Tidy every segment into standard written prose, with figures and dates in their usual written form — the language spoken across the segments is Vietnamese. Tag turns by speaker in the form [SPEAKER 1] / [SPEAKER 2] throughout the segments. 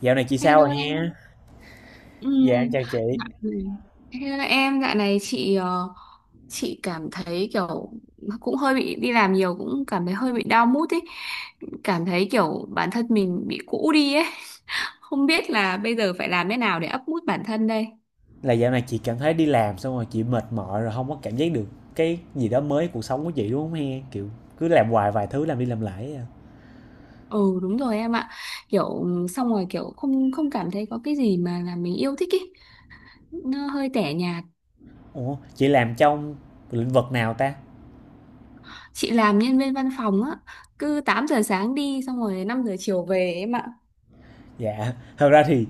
[SPEAKER 1] Dạo này chị sao rồi
[SPEAKER 2] Hello em.
[SPEAKER 1] nha? Dạ, em
[SPEAKER 2] Ừm.
[SPEAKER 1] chào chị.
[SPEAKER 2] dạ- Hello em, dạo này chị cảm thấy kiểu cũng hơi bị đi làm nhiều, cũng cảm thấy hơi bị down mood ấy. Cảm thấy kiểu bản thân mình bị cũ đi ấy. Không biết là bây giờ phải làm thế nào để up mood bản thân đây.
[SPEAKER 1] Là dạo này chị cảm thấy đi làm xong rồi chị mệt mỏi, rồi không có cảm giác được cái gì đó mới cuộc sống của chị, đúng không he? Kiểu cứ làm hoài vài thứ, làm đi làm lại ấy à.
[SPEAKER 2] Ừ, đúng rồi em ạ. Kiểu xong rồi kiểu không không cảm thấy có cái gì mà là mình yêu thích ấy. Nó hơi tẻ nhạt.
[SPEAKER 1] Ủa, chị làm trong lĩnh vực nào ta?
[SPEAKER 2] Chị làm nhân viên văn phòng á, cứ 8 giờ sáng đi xong rồi 5 giờ chiều về em ạ.
[SPEAKER 1] Dạ, thật ra thì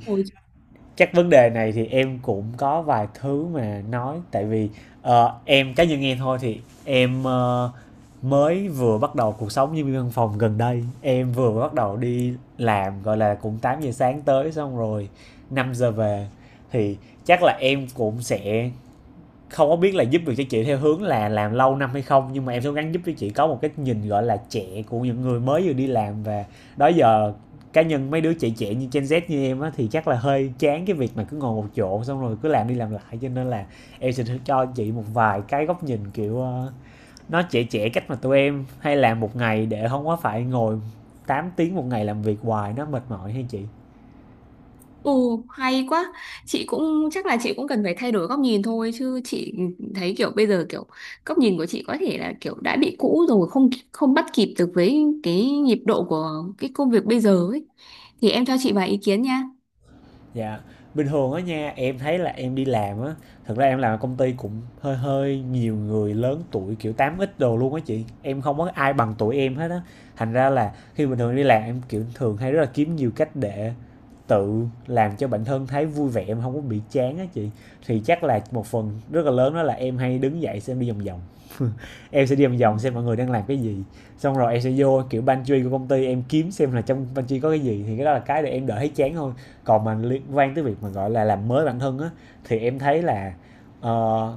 [SPEAKER 1] chắc vấn đề này thì em cũng có vài thứ mà nói, tại vì em cá nhân em thôi, thì em mới vừa bắt đầu cuộc sống nhân viên văn phòng. Gần đây em vừa bắt đầu đi làm, gọi là cũng 8 giờ sáng tới xong rồi 5 giờ về, thì chắc là em cũng sẽ không có biết là giúp được cho chị theo hướng là làm lâu năm hay không, nhưng mà em sẽ gắng giúp cho chị có một cái nhìn gọi là trẻ của những người mới vừa đi làm. Và đó giờ cá nhân mấy đứa trẻ trẻ như Gen Z như em á thì chắc là hơi chán cái việc mà cứ ngồi một chỗ xong rồi cứ làm đi làm lại, cho nên là em sẽ cho chị một vài cái góc nhìn kiểu nó trẻ trẻ, cách mà tụi em hay làm một ngày để không có phải ngồi 8 tiếng một ngày làm việc hoài nó mệt mỏi hay chị.
[SPEAKER 2] Ừ, hay quá. Chị cũng chắc là chị cũng cần phải thay đổi góc nhìn thôi, chứ chị thấy kiểu bây giờ kiểu góc nhìn của chị có thể là kiểu đã bị cũ rồi, không không bắt kịp được với cái nhịp độ của cái công việc bây giờ ấy. Thì em cho chị vài ý kiến nha.
[SPEAKER 1] Dạ, bình thường á nha, em thấy là em đi làm á, thật ra em làm ở công ty cũng hơi hơi nhiều người lớn tuổi kiểu 8X đồ luôn á chị. Em không có ai bằng tuổi em hết á. Thành ra là khi bình thường đi làm em kiểu thường hay rất là kiếm nhiều cách để tự làm cho bản thân thấy vui vẻ, em không có bị chán á chị. Thì chắc là một phần rất là lớn đó là em hay đứng dậy xem đi vòng vòng. Em sẽ đi vòng vòng xem mọi người đang làm cái gì. Xong rồi em sẽ vô kiểu pantry của công ty em, kiếm xem là trong pantry có cái gì, thì cái đó là cái để em đỡ thấy chán hơn. Còn mà liên quan tới việc mà gọi là làm mới bản thân á, thì em thấy là ờ,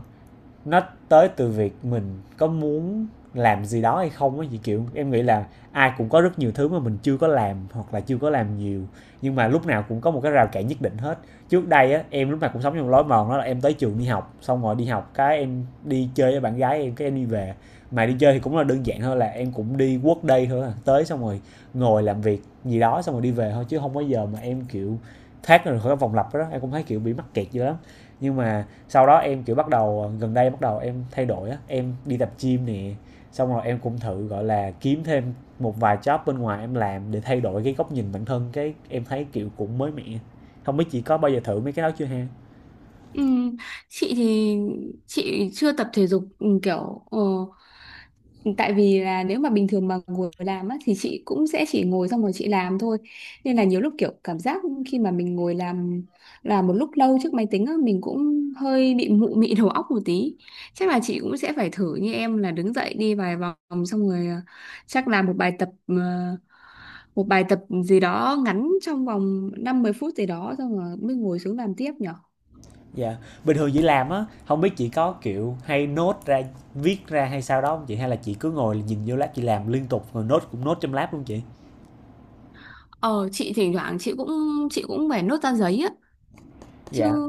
[SPEAKER 1] nó tới từ việc mình có muốn làm gì đó hay không á chị. Kiểu em nghĩ là ai cũng có rất nhiều thứ mà mình chưa có làm hoặc là chưa có làm nhiều, nhưng mà lúc nào cũng có một cái rào cản nhất định hết. Trước đây á em lúc nào cũng sống trong lối mòn, đó là em tới trường đi học, xong rồi đi học cái em đi chơi với bạn gái em, cái em đi về. Mà đi chơi thì cũng là đơn giản thôi, là em cũng đi quốc đây thôi à, tới xong rồi ngồi làm việc gì đó xong rồi đi về thôi, chứ không có giờ mà em kiểu thoát ra khỏi cái vòng lặp đó, em cũng thấy kiểu bị mắc kẹt dữ lắm. Nhưng mà sau đó em kiểu bắt đầu, gần đây bắt đầu em thay đổi á, em đi tập gym nè, xong rồi em cũng thử gọi là kiếm thêm một vài job bên ngoài em làm để thay đổi cái góc nhìn bản thân, cái em thấy kiểu cũng mới mẻ. Không biết chị có bao giờ thử mấy cái đó chưa ha?
[SPEAKER 2] Ừ, chị thì chị chưa tập thể dục. Tại vì là nếu mà bình thường mà ngồi làm á, thì chị cũng sẽ chỉ ngồi xong rồi chị làm thôi. Nên là nhiều lúc kiểu cảm giác khi mà mình ngồi làm, một lúc lâu trước máy tính á, mình cũng hơi bị mụ mị đầu óc một tí. Chắc là chị cũng sẽ phải thử như em là đứng dậy đi vài vòng xong rồi, chắc làm một bài tập, một bài tập gì đó ngắn trong vòng 5 10 phút gì đó xong rồi mới ngồi xuống làm tiếp nhở.
[SPEAKER 1] Dạ, bình thường chị làm á, không biết chị có kiểu hay nốt ra, viết ra hay sao đó không chị, hay là chị cứ ngồi nhìn vô lab chị làm liên tục rồi nốt cũng nốt trong lab luôn chị?
[SPEAKER 2] Ờ, chị thỉnh thoảng chị cũng phải nốt ra giấy á chứ.
[SPEAKER 1] Dạ.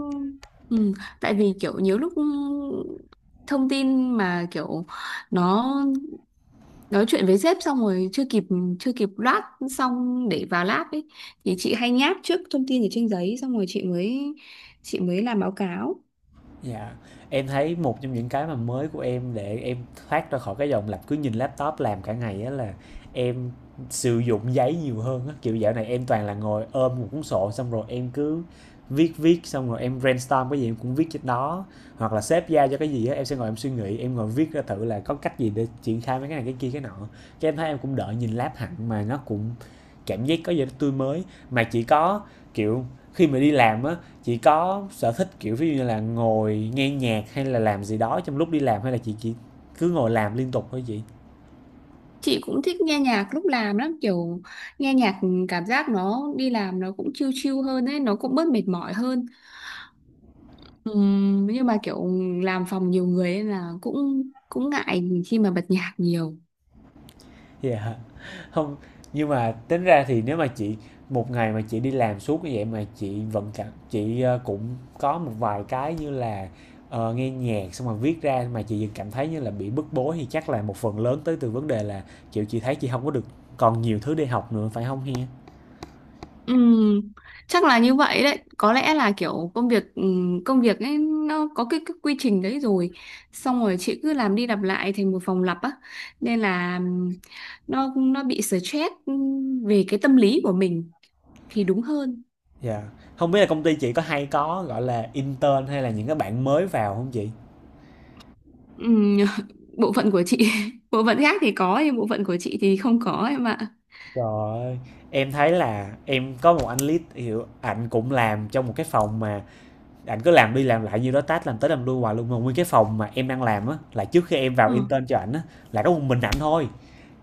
[SPEAKER 2] Ừ, tại vì kiểu nhiều lúc thông tin mà kiểu nó, nói chuyện với sếp xong rồi chưa kịp loát xong để vào lab ấy, thì chị hay nháp trước thông tin ở trên giấy xong rồi chị mới làm báo cáo.
[SPEAKER 1] Dạ, em thấy một trong những cái mà mới của em để em thoát ra khỏi cái dòng lặp cứ nhìn laptop làm cả ngày á là em sử dụng giấy nhiều hơn á. Kiểu dạo này em toàn là ngồi ôm một cuốn sổ, xong rồi em cứ viết viết, xong rồi em brainstorm cái gì em cũng viết trên đó, hoặc là sếp giao cho cái gì á em sẽ ngồi em suy nghĩ, em ngồi viết ra thử là có cách gì để triển khai mấy cái này cái kia cái nọ, cái em thấy em cũng đợi nhìn lab hẳn mà nó cũng cảm giác có gì đó tươi mới. Mà chỉ có kiểu khi mà đi làm á, chị có sở thích, kiểu, ví dụ như là ngồi nghe nhạc hay là làm gì đó trong lúc đi làm, hay là chị chỉ cứ ngồi làm liên tục thôi chị?
[SPEAKER 2] Chị cũng thích nghe nhạc lúc làm lắm, kiểu nghe nhạc cảm giác nó đi làm nó cũng chill chill hơn ấy, nó cũng bớt mệt mỏi hơn. Nhưng mà kiểu làm phòng nhiều người ấy là cũng cũng ngại khi mà bật nhạc nhiều.
[SPEAKER 1] Dạ. Hông, nhưng mà tính ra thì nếu mà chị một ngày mà chị đi làm suốt như vậy, mà chị vẫn cảm chị, cũng có một vài cái như là, nghe nhạc xong rồi viết ra, mà chị vẫn cảm thấy như là bị bức bối, thì chắc là một phần lớn tới từ vấn đề là, kiểu, chị thấy chị không có được còn nhiều thứ để học nữa, phải không he?
[SPEAKER 2] Ừm, chắc là như vậy đấy. Có lẽ là kiểu công việc ấy nó có cái quy trình đấy rồi. Xong rồi chị cứ làm đi làm lại thành một vòng lặp á. Nên là, nó bị stress, về cái tâm lý của mình thì đúng hơn.
[SPEAKER 1] Dạ. Yeah. Không biết là công ty chị có hay có, gọi là, intern hay là những cái bạn mới vào không chị?
[SPEAKER 2] Ừm. Bộ phận của chị, bộ phận khác thì có, nhưng bộ phận của chị thì không có em ạ.
[SPEAKER 1] Trời ơi, em thấy là em có một anh lead, hiểu, ảnh cũng làm trong một cái phòng mà ảnh cứ làm đi làm lại nhiêu đó task, làm tới làm lui hoài luôn. Mà nguyên cái phòng mà em đang làm á, là trước khi em vào
[SPEAKER 2] Ờ.
[SPEAKER 1] intern cho ảnh á, là có một mình ảnh thôi.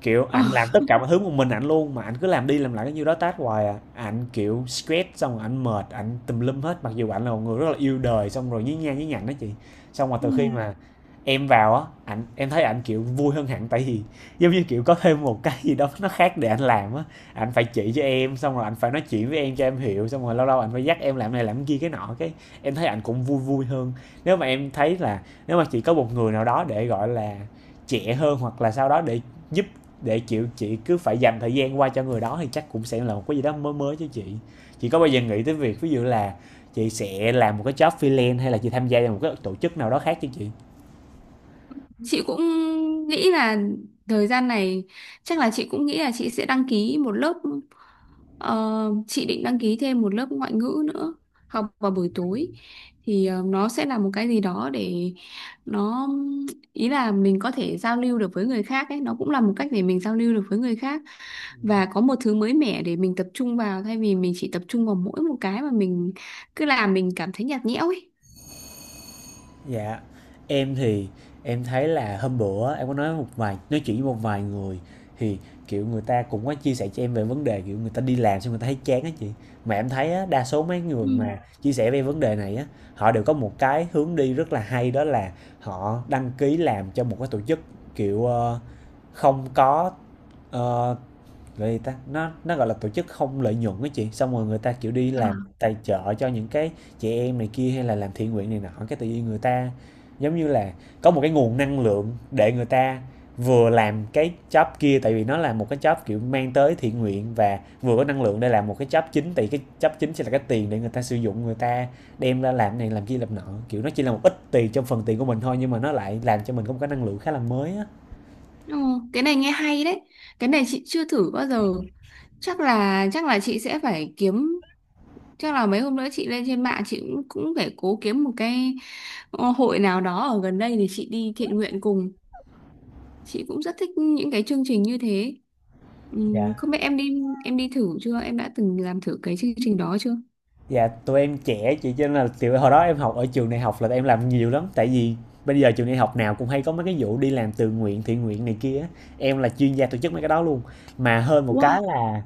[SPEAKER 1] Kiểu
[SPEAKER 2] Ờ.
[SPEAKER 1] ảnh làm tất cả mọi thứ một mình ảnh luôn, mà ảnh cứ làm đi làm lại cái nhiêu đó task hoài à. Ảnh, kiểu, stress xong rồi ảnh mệt, ảnh tùm lum hết, mặc dù ảnh là một người rất là yêu đời, xong rồi nhí nha nhí nhảnh á chị. Xong rồi từ khi
[SPEAKER 2] Ừm.
[SPEAKER 1] mà em vào á, ảnh em thấy ảnh, kiểu, vui hơn hẳn, tại vì, giống như, kiểu, có thêm một cái gì đó nó khác để ảnh làm á. Ảnh phải chỉ cho em, xong rồi ảnh phải nói chuyện với em cho em hiểu, xong rồi lâu lâu ảnh phải dắt em làm này làm kia cái nọ, cái em thấy ảnh cũng vui vui hơn. Nếu mà em thấy là nếu mà chỉ có một người nào đó để, gọi là, trẻ hơn hoặc là sau đó để giúp, để chịu chị cứ phải dành thời gian qua cho người đó, thì chắc cũng sẽ là một cái gì đó mới mới cho chị. Chị có bao giờ nghĩ tới việc ví dụ là chị sẽ làm một cái job freelance, hay là chị tham gia vào một cái tổ chức nào đó khác chứ chị?
[SPEAKER 2] Chị cũng nghĩ là thời gian này, chắc là chị cũng nghĩ là chị sẽ đăng ký một lớp, ờ, chị định đăng ký thêm một lớp ngoại ngữ nữa, học vào buổi tối, thì, nó sẽ là một cái gì đó để nó, ý là mình có thể giao lưu được với người khác ấy, nó cũng là một cách để mình giao lưu được với người khác, và có một thứ mới mẻ để mình tập trung vào thay vì mình chỉ tập trung vào mỗi một cái mà mình cứ làm mình cảm thấy nhạt nhẽo ấy.
[SPEAKER 1] Dạ, em thì em thấy là hôm bữa em có nói một vài nói chuyện với một vài người, thì kiểu người ta cũng có chia sẻ cho em về vấn đề kiểu người ta đi làm xong người ta thấy chán á chị. Mà em thấy á, đa số mấy người mà chia sẻ về vấn đề này á, họ đều có một cái hướng đi rất là hay, đó là họ đăng ký làm cho một cái tổ chức kiểu không có. ờ, Gọi gì ta? Nó, gọi là, tổ chức không lợi nhuận á chị, xong rồi người ta, kiểu, đi
[SPEAKER 2] Ừ.
[SPEAKER 1] làm tài trợ cho những cái chị em này kia, hay là làm thiện nguyện này nọ, cái tự nhiên người ta, giống như là, có một cái nguồn năng lượng để người ta vừa làm cái job kia, tại vì nó là một cái job, kiểu, mang tới thiện nguyện, và vừa có năng lượng để làm một cái job chính, tại cái job chính sẽ là cái tiền để người ta sử dụng, người ta đem ra làm này làm kia làm nọ, kiểu, nó chỉ là một ít tiền trong phần tiền của mình thôi, nhưng mà nó lại làm cho mình có một cái năng lượng khá là mới á.
[SPEAKER 2] Ồ, cái này nghe hay đấy. Cái này chị chưa thử bao giờ. Chắc là chị sẽ phải kiếm, chắc là mấy hôm nữa chị lên trên mạng chị cũng cũng phải cố kiếm một cái, hội nào đó ở gần đây để chị đi thiện nguyện cùng. Chị cũng rất thích những cái chương trình như thế.
[SPEAKER 1] Dạ.
[SPEAKER 2] Không biết em đi, thử chưa? Em đã từng làm thử cái chương trình đó chưa?
[SPEAKER 1] Dạ, tụi em trẻ chị cho nên là, kiểu, hồi đó em học ở trường đại học là em làm nhiều lắm, tại vì bây giờ trường đại học nào cũng hay có mấy cái vụ đi làm tự nguyện, thiện nguyện này kia á, em là chuyên gia tổ chức mấy cái đó luôn. Mà hơn một cái
[SPEAKER 2] Wow,
[SPEAKER 1] là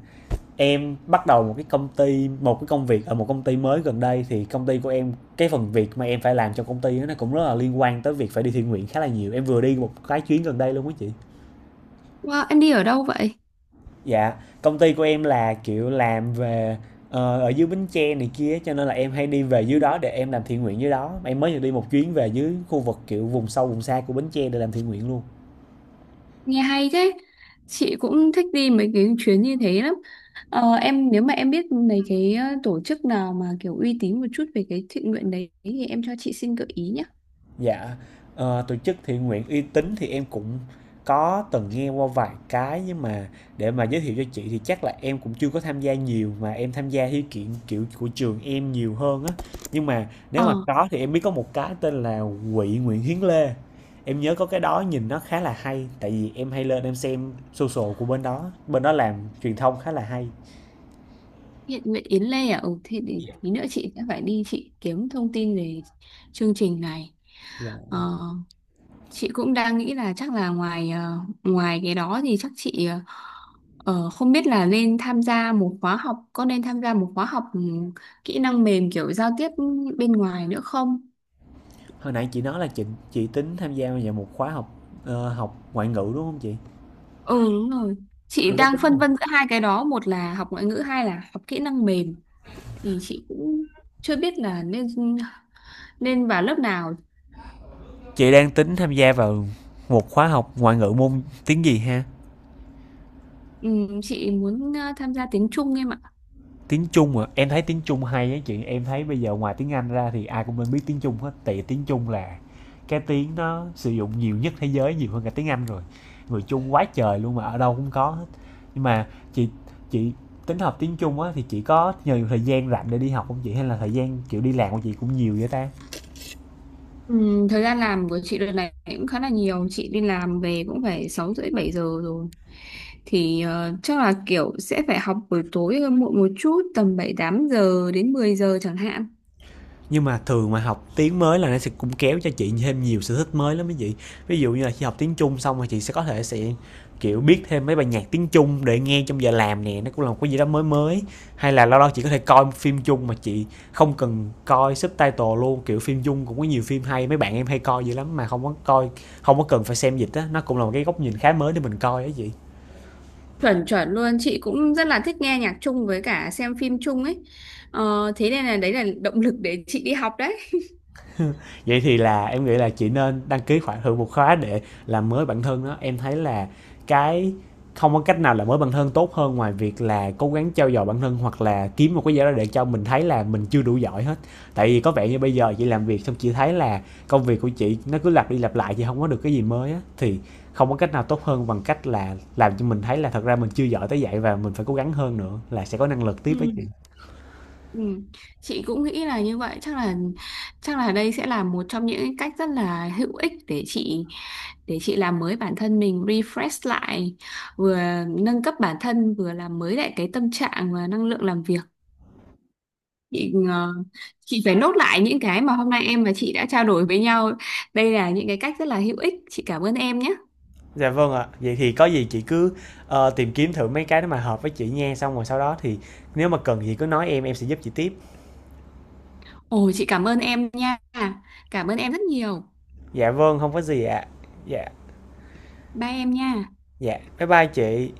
[SPEAKER 1] em bắt đầu một cái công ty, một cái công việc ở một công ty mới gần đây, thì công ty của em, cái phần việc mà em phải làm cho công ty á, nó cũng rất là liên quan tới việc phải đi thiện nguyện khá là nhiều. Em vừa đi một cái chuyến gần đây luôn á chị.
[SPEAKER 2] wow, em đi ở đâu vậy?
[SPEAKER 1] Dạ, công ty của em là, kiểu, làm về, ở dưới Bến Tre này kia cho nên là em hay đi về dưới đó để em làm thiện nguyện dưới đó. Em mới vừa đi một chuyến về dưới khu vực, kiểu, vùng sâu vùng xa của Bến Tre để làm thiện nguyện luôn.
[SPEAKER 2] Nghe hay thế. Chị cũng thích đi mấy cái chuyến như thế lắm. Ờ, em nếu mà em biết mấy cái, tổ chức nào mà kiểu uy tín một chút về cái thiện nguyện đấy, thì em cho chị xin gợi ý nhé.
[SPEAKER 1] Dạ, tổ chức thiện nguyện uy tín thì em cũng có từng nghe qua vài cái, nhưng mà để mà giới thiệu cho chị thì chắc là em cũng chưa có tham gia nhiều, mà em tham gia theo kiện kiểu của trường em nhiều hơn á. Nhưng mà nếu mà
[SPEAKER 2] Ờ,
[SPEAKER 1] có thì em biết có một cái tên là Quỹ Nguyễn Hiến Lê. Em nhớ có cái đó nhìn nó khá là hay, tại vì em hay lên em xem social của bên đó làm truyền thông khá là hay.
[SPEAKER 2] thiện nguyện Yến Lê à? Ừ, thì để
[SPEAKER 1] Dạ.
[SPEAKER 2] tí nữa chị sẽ phải đi chị kiếm thông tin về chương trình này.
[SPEAKER 1] Dạ.
[SPEAKER 2] Ờ, chị cũng đang nghĩ là chắc là ngoài cái đó thì chắc chị, không biết là nên tham gia một khóa học, có nên tham gia một khóa học, kỹ năng mềm kiểu giao tiếp bên ngoài nữa không?
[SPEAKER 1] Hồi nãy chị nói là chị tính tham gia vào một khóa học, học ngoại ngữ đúng không chị?
[SPEAKER 2] Ừ, đúng rồi. Chị
[SPEAKER 1] Chị đã
[SPEAKER 2] đang
[SPEAKER 1] tính
[SPEAKER 2] phân vân giữa hai cái đó, một là học ngoại ngữ, hai là học kỹ năng mềm, thì chị cũng chưa biết là nên nên vào lớp nào.
[SPEAKER 1] Chị đang tính tham gia vào một khóa học ngoại ngữ môn tiếng gì ha?
[SPEAKER 2] Ừ, chị muốn, tham gia tiếng Trung em ạ.
[SPEAKER 1] Tiếng Trung à? Em thấy tiếng Trung hay á chị. Em thấy bây giờ ngoài tiếng Anh ra thì ai cũng nên biết tiếng Trung hết. Tại vì tiếng Trung là cái tiếng nó sử dụng nhiều nhất thế giới, nhiều hơn cả tiếng Anh rồi. Người Trung quá trời luôn mà ở đâu cũng có hết. Nhưng mà chị chị tính học tiếng Trung á, thì chị có nhiều thời gian rảnh để đi học không chị, hay là thời gian kiểu đi làm của chị cũng nhiều vậy ta?
[SPEAKER 2] Ừ, thời gian làm của chị đợt này cũng khá là nhiều, chị đi làm về cũng phải 6 rưỡi 7 giờ rồi, thì, chắc là kiểu sẽ phải học buổi tối hơn, muộn một chút tầm 7 8 giờ đến 10 giờ chẳng hạn.
[SPEAKER 1] Nhưng mà thường mà học tiếng mới là nó sẽ cũng kéo cho chị thêm nhiều sở thích mới lắm mấy chị. Ví dụ như là khi học tiếng Trung xong rồi chị sẽ có thể sẽ, kiểu, biết thêm mấy bài nhạc tiếng Trung để nghe trong giờ làm nè, nó cũng là một cái gì đó mới mới. Hay là lâu lâu chị có thể coi phim Trung mà chị không cần coi subtitle luôn, kiểu phim Trung cũng có nhiều phim hay, mấy bạn em hay coi dữ lắm mà không có coi, không có cần phải xem dịch á, nó cũng là một cái góc nhìn khá mới để mình coi á chị.
[SPEAKER 2] Chuẩn chuẩn luôn, chị cũng rất là thích nghe nhạc chung với cả xem phim chung ấy. Ờ, thế nên là đấy là động lực để chị đi học đấy.
[SPEAKER 1] Vậy thì là em nghĩ là chị nên đăng ký khoảng hơn một khóa để làm mới bản thân đó. Em thấy là cái không có cách nào là mới bản thân tốt hơn ngoài việc là cố gắng trau dồi bản thân, hoặc là kiếm một cái gì đó để cho mình thấy là mình chưa đủ giỏi hết. Tại vì có vẻ như bây giờ chị làm việc xong chị thấy là công việc của chị nó cứ lặp đi lặp lại, chị không có được cái gì mới á, thì không có cách nào tốt hơn bằng cách là làm cho mình thấy là thật ra mình chưa giỏi tới vậy, và mình phải cố gắng hơn nữa là sẽ có năng lực tiếp
[SPEAKER 2] Ừ.
[SPEAKER 1] với chị.
[SPEAKER 2] Ừ. Chị cũng nghĩ là như vậy, chắc là đây sẽ là một trong những cách rất là hữu ích để chị, làm mới bản thân mình, refresh lại, vừa nâng cấp bản thân, vừa làm mới lại cái tâm trạng và năng lượng làm việc. Chị ờ, chị phải nốt lại những cái mà hôm nay em và chị đã trao đổi với nhau, đây là những cái cách rất là hữu ích. Chị cảm ơn em nhé.
[SPEAKER 1] Dạ vâng ạ. Vậy thì có gì chị cứ, tìm kiếm thử mấy cái đó mà hợp với chị nha, xong rồi sau đó thì nếu mà cần gì cứ nói em sẽ giúp chị tiếp.
[SPEAKER 2] Ồ, chị cảm ơn em nha, cảm ơn em rất nhiều.
[SPEAKER 1] Dạ vâng, không có gì ạ. Dạ,
[SPEAKER 2] Bye em nha.
[SPEAKER 1] dạ, bye bye chị.